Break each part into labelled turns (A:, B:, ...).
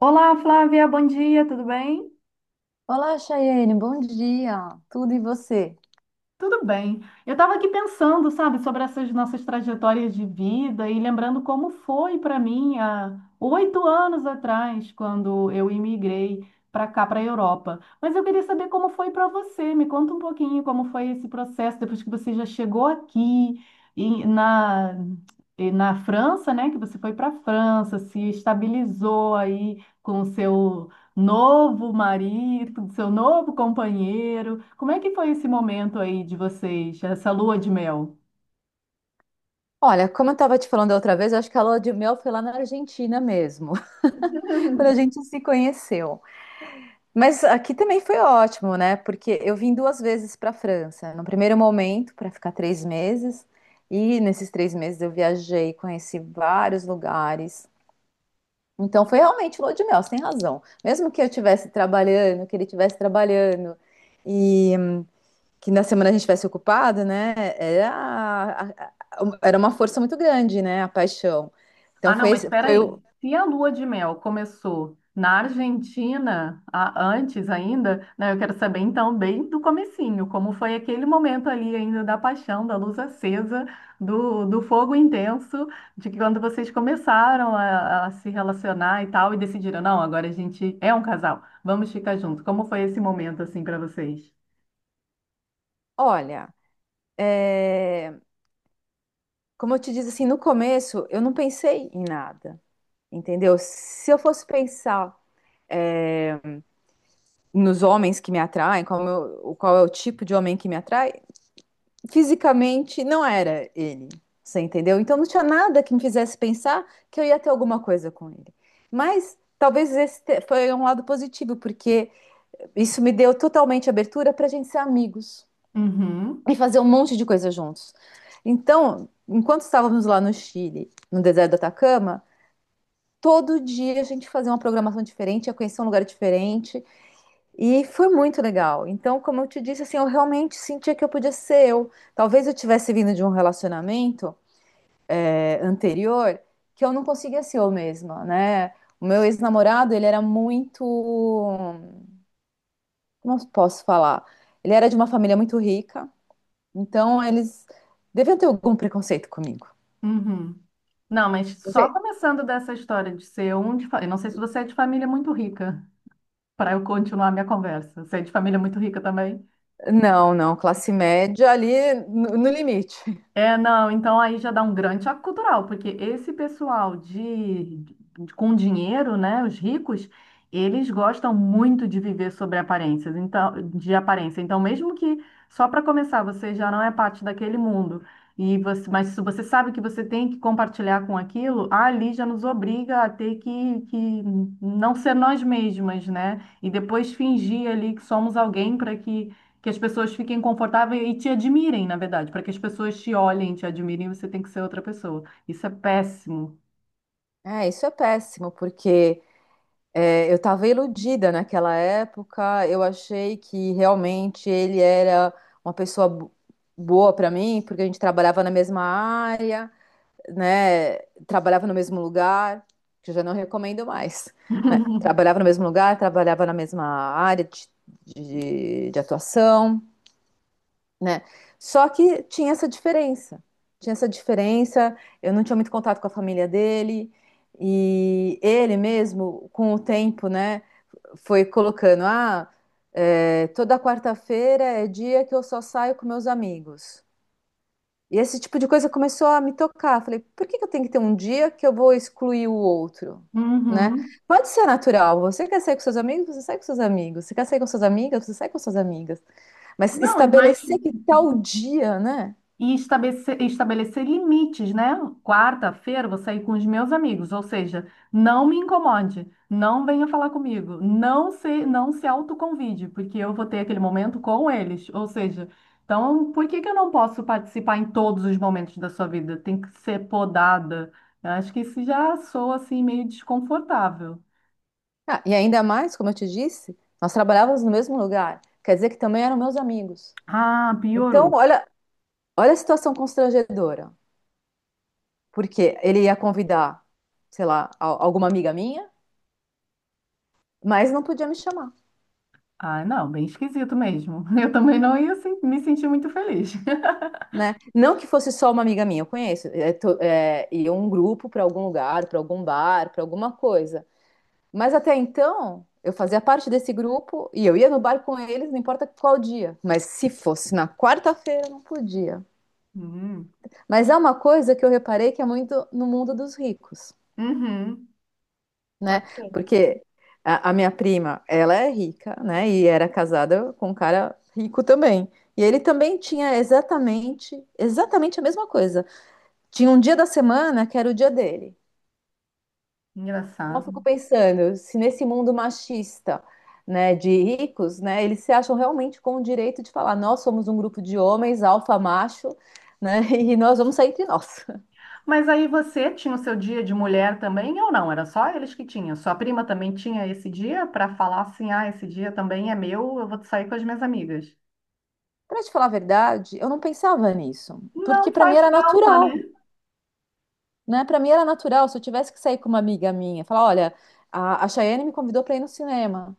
A: Olá, Flávia, bom dia, tudo bem?
B: Olá, Chayene, bom dia. Tudo e você?
A: Tudo bem. Eu estava aqui pensando, sabe, sobre essas nossas trajetórias de vida e lembrando como foi para mim há 8 anos atrás, quando eu imigrei para cá, para a Europa. Mas eu queria saber como foi para você. Me conta um pouquinho como foi esse processo depois que você já chegou aqui e na, e na França, né? Que você foi para a França, se estabilizou aí com o seu novo marido, do seu novo companheiro. Como é que foi esse momento aí de vocês, essa lua de mel?
B: Olha, como eu estava te falando da outra vez, eu acho que a lua de mel foi lá na Argentina mesmo, quando a gente se conheceu. Mas aqui também foi ótimo, né? Porque eu vim duas vezes para a França. No primeiro momento, para ficar 3 meses, e nesses 3 meses eu viajei, conheci vários lugares. Então foi realmente lua de mel, você tem razão. Mesmo que eu estivesse trabalhando, que ele estivesse trabalhando, que na semana a gente tivesse ocupado, né? A- era uma força muito grande, né? A paixão. Então
A: Ah, não,
B: foi,
A: mas espera
B: foi o.
A: aí. Se a lua de mel começou na Argentina, antes ainda, né, eu quero saber então bem do comecinho, como foi aquele momento ali ainda da paixão, da luz acesa, do fogo intenso, de que quando vocês começaram a se relacionar e tal, e decidiram, não, agora a gente é um casal, vamos ficar juntos. Como foi esse momento assim para vocês?
B: Olha, é, como eu te disse assim, no começo eu não pensei em nada, entendeu? Se eu fosse pensar nos homens que me atraem, o qual é o tipo de homem que me atrai, fisicamente não era ele. Você entendeu? Então não tinha nada que me fizesse pensar que eu ia ter alguma coisa com ele. Mas talvez foi um lado positivo, porque isso me deu totalmente abertura para a gente ser amigos
A: Uhum,
B: e fazer um monte de coisa juntos. Então, enquanto estávamos lá no Chile, no deserto do Atacama, todo dia a gente fazia uma programação diferente, ia conhecer um lugar diferente, e foi muito legal. Então, como eu te disse, assim, eu realmente sentia que eu podia ser eu. Talvez eu tivesse vindo de um relacionamento anterior que eu não conseguia ser eu mesma, né? O meu ex-namorado, ele era muito, como eu posso falar? Ele era de uma família muito rica. Então, eles deviam ter algum preconceito comigo.
A: uhum. Não, mas
B: Você.
A: só começando dessa história de ser eu não sei se você é de família muito rica, para eu continuar a minha conversa. Você é de família muito rica também?
B: Não, não, classe média ali no limite.
A: É, não, então aí já dá um grande choque cultural, porque esse pessoal com dinheiro, né, os ricos, eles gostam muito de viver sobre aparências, então, de aparência. Então, mesmo que só para começar você já não é parte daquele mundo e você, mas se você sabe que você tem que compartilhar com aquilo, ali já nos obriga a ter que não ser nós mesmas, né? E depois fingir ali que somos alguém para que as pessoas fiquem confortáveis e te admirem, na verdade. Para que as pessoas te olhem, te admirem, você tem que ser outra pessoa. Isso é péssimo.
B: É, isso é péssimo, porque eu estava iludida naquela época, eu achei que realmente ele era uma pessoa boa para mim, porque a gente trabalhava na mesma área, né? Trabalhava no mesmo lugar, que eu já não recomendo mais, né? Trabalhava no mesmo lugar, trabalhava na mesma área de atuação, né? Só que tinha essa diferença. Tinha essa diferença, eu não tinha muito contato com a família dele, e ele mesmo, com o tempo, né, foi colocando, toda quarta-feira é dia que eu só saio com meus amigos. E esse tipo de coisa começou a me tocar. Falei, por que que eu tenho que ter um dia que eu vou excluir o outro? Né?
A: Uhum.
B: Pode ser natural. Você quer sair com seus amigos, você sai com seus amigos. Você quer sair com suas amigas, você sai com suas amigas. Mas
A: Não, e mais.
B: estabelecer que tal dia, né?
A: E estabelecer, estabelecer limites, né? Quarta-feira vou sair com os meus amigos, ou seja, não me incomode, não venha falar comigo, não se autoconvide, porque eu vou ter aquele momento com eles. Ou seja, então por que que eu não posso participar em todos os momentos da sua vida? Tem que ser podada. Eu acho que isso já soa assim meio desconfortável.
B: Ah, e ainda mais, como eu te disse, nós trabalhávamos no mesmo lugar. Quer dizer que também eram meus amigos.
A: Ah,
B: Então,
A: piorou.
B: olha, olha a situação constrangedora. Porque ele ia convidar, sei lá, alguma amiga minha, mas não podia me chamar,
A: Ah, não, bem esquisito mesmo. Eu também não ia se- me sentir muito feliz.
B: né? Não que fosse só uma amiga minha, eu conheço. É, ia um grupo para algum lugar, para algum bar, para alguma coisa. Mas até então, eu fazia parte desse grupo e eu ia no bar com eles, não importa qual dia. Mas se fosse na quarta-feira, eu não podia.
A: Hum,
B: Mas é uma coisa que eu reparei que é muito no mundo dos ricos,
A: uhum,
B: né?
A: pode ser.
B: Porque a minha prima, ela é rica, né? E era casada com um cara rico também. E ele também tinha exatamente, exatamente a mesma coisa. Tinha um dia da semana que era o dia dele. Então,
A: Engraçado.
B: eu fico pensando, se nesse mundo machista, né, de ricos, né, eles se acham realmente com o direito de falar, nós somos um grupo de homens, alfa macho, né, e nós vamos sair entre nós.
A: Mas aí você tinha o seu dia de mulher também ou não? Era só eles que tinham? Sua prima também tinha esse dia para falar assim: ah, esse dia também é meu, eu vou sair com as minhas amigas.
B: Para te falar a verdade, eu não pensava nisso, porque
A: Não
B: para mim
A: faz
B: era
A: falta,
B: natural,
A: né?
B: né? Para mim era natural, se eu tivesse que sair com uma amiga minha, falar, olha, a Chayane me convidou para ir no cinema.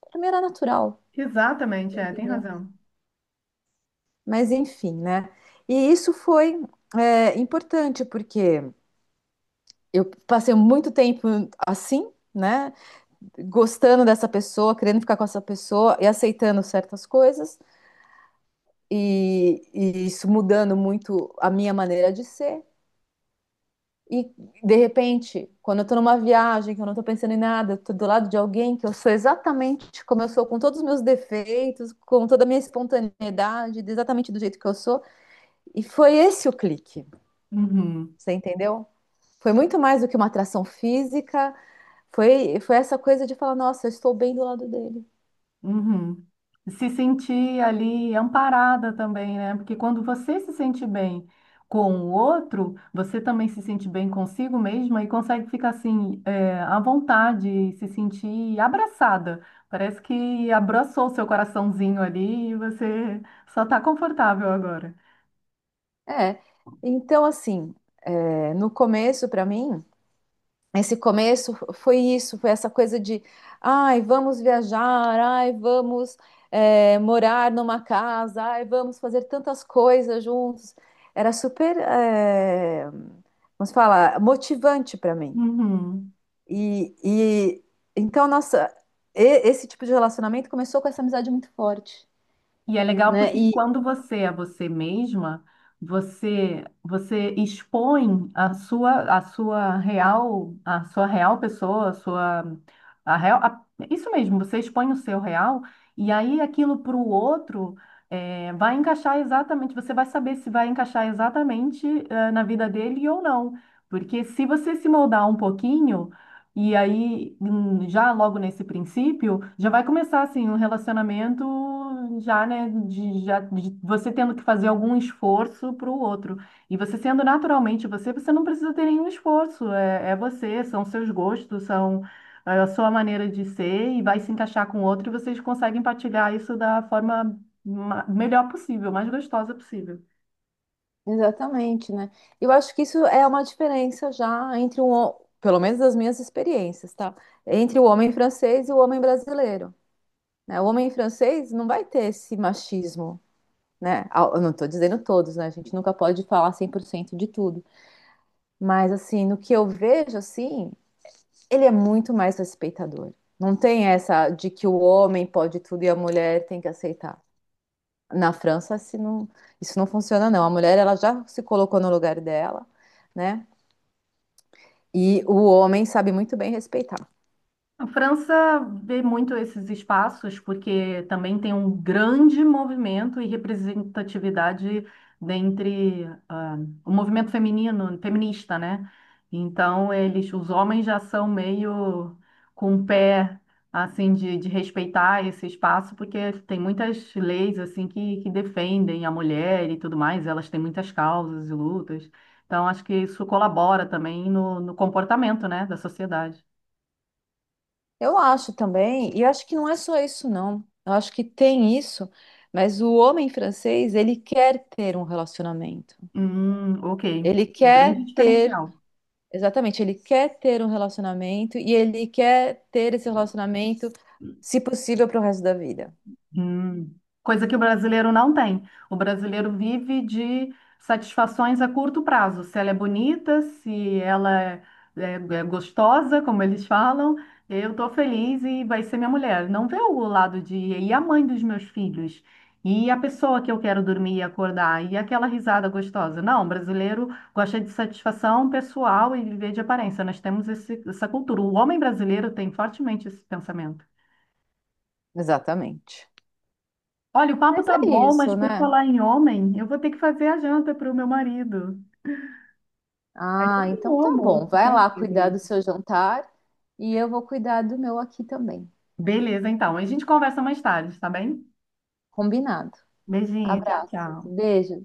B: Para mim era natural,
A: Exatamente,
B: você
A: é, tem
B: entendeu?
A: razão.
B: Mas enfim, né? E isso foi importante, porque eu passei muito tempo assim, né? Gostando dessa pessoa, querendo ficar com essa pessoa e aceitando certas coisas, e isso mudando muito a minha maneira de ser. E de repente, quando eu tô numa viagem, que eu não tô pensando em nada, eu tô do lado de alguém que eu sou exatamente como eu sou, com todos os meus defeitos, com toda a minha espontaneidade, exatamente do jeito que eu sou. E foi esse o clique,
A: Uhum.
B: você entendeu? Foi muito mais do que uma atração física, foi essa coisa de falar, nossa, eu estou bem do lado dele.
A: Uhum. Se sentir ali amparada também, né? Porque quando você se sente bem com o outro, você também se sente bem consigo mesma e consegue ficar assim, é, à vontade, se sentir abraçada. Parece que abraçou o seu coraçãozinho ali e você só está confortável agora.
B: É. Então, assim, no começo, para mim, esse começo foi isso, foi essa coisa de, ai, vamos viajar, ai, vamos morar numa casa, ai, vamos fazer tantas coisas juntos. Era super, vamos falar, motivante para mim.
A: Uhum.
B: E então, nossa, esse tipo de relacionamento começou com essa amizade muito forte,
A: E é legal
B: né?
A: porque
B: E
A: quando você é você mesma, você expõe a sua real pessoa, a sua a real, a- isso mesmo, você expõe o seu real e aí aquilo para o outro é, vai encaixar exatamente, você vai saber se vai encaixar exatamente eh, na vida dele ou não. Porque se você se moldar um pouquinho e aí, já logo nesse princípio, já vai começar assim um relacionamento já, de você tendo que fazer algum esforço para o outro. E você sendo naturalmente você, você não precisa ter nenhum esforço. É, é você, são seus gostos, são é, a sua maneira de ser e vai se encaixar com o outro e vocês conseguem partilhar isso da forma melhor possível, mais gostosa possível.
B: exatamente, né? Eu acho que isso é uma diferença já entre pelo menos das minhas experiências, tá? Entre o homem francês e o homem brasileiro, né? O homem francês não vai ter esse machismo, né? Ah, eu não tô dizendo todos, né? A gente nunca pode falar 100% de tudo, mas assim, no que eu vejo assim, ele é muito mais respeitador. Não tem essa de que o homem pode tudo e a mulher tem que aceitar. Na França, se não- isso não funciona, não. A mulher, ela já se colocou no lugar dela, né? E o homem sabe muito bem respeitar.
A: A França vê muito esses espaços porque também tem um grande movimento e representatividade dentre ah, o movimento feminino, feminista, né? Então eles, os homens já são meio com o pé assim de respeitar esse espaço porque tem muitas leis assim que defendem a mulher e tudo mais. Elas têm muitas causas e lutas. Então acho que isso colabora também no comportamento, né, da sociedade.
B: Eu acho também, e acho que não é só isso, não. Eu acho que tem isso, mas o homem francês, ele quer ter um relacionamento.
A: Ok.
B: Ele
A: Um grande
B: quer ter.
A: diferencial.
B: Exatamente, ele quer ter um relacionamento e ele quer ter esse relacionamento, se possível, para o resto da vida.
A: Hum, coisa que o brasileiro não tem. O brasileiro vive de satisfações a curto prazo. Se ela é bonita, se ela é, é gostosa, como eles falam, eu estou feliz e vai ser minha mulher. Não vê o lado de e a mãe dos meus filhos, e a pessoa que eu quero dormir e acordar, e aquela risada gostosa. Não, o brasileiro gosta de satisfação pessoal e viver de aparência. Nós temos essa cultura. O homem brasileiro tem fortemente esse pensamento.
B: Exatamente.
A: Olha, o papo
B: Mas
A: tá
B: é
A: bom, mas
B: isso,
A: por
B: né?
A: falar em homem, eu vou ter que fazer a janta para o meu marido. A gente
B: Ah,
A: tem
B: então
A: o
B: tá
A: almoço,
B: bom.
A: tá
B: Vai lá
A: cedo
B: cuidar
A: aí.
B: do seu jantar e eu vou cuidar do meu aqui também.
A: Beleza, então. A gente conversa mais tarde, tá bem?
B: Combinado.
A: Beijinho, tchau,
B: Abraço,
A: tchau.
B: beijos.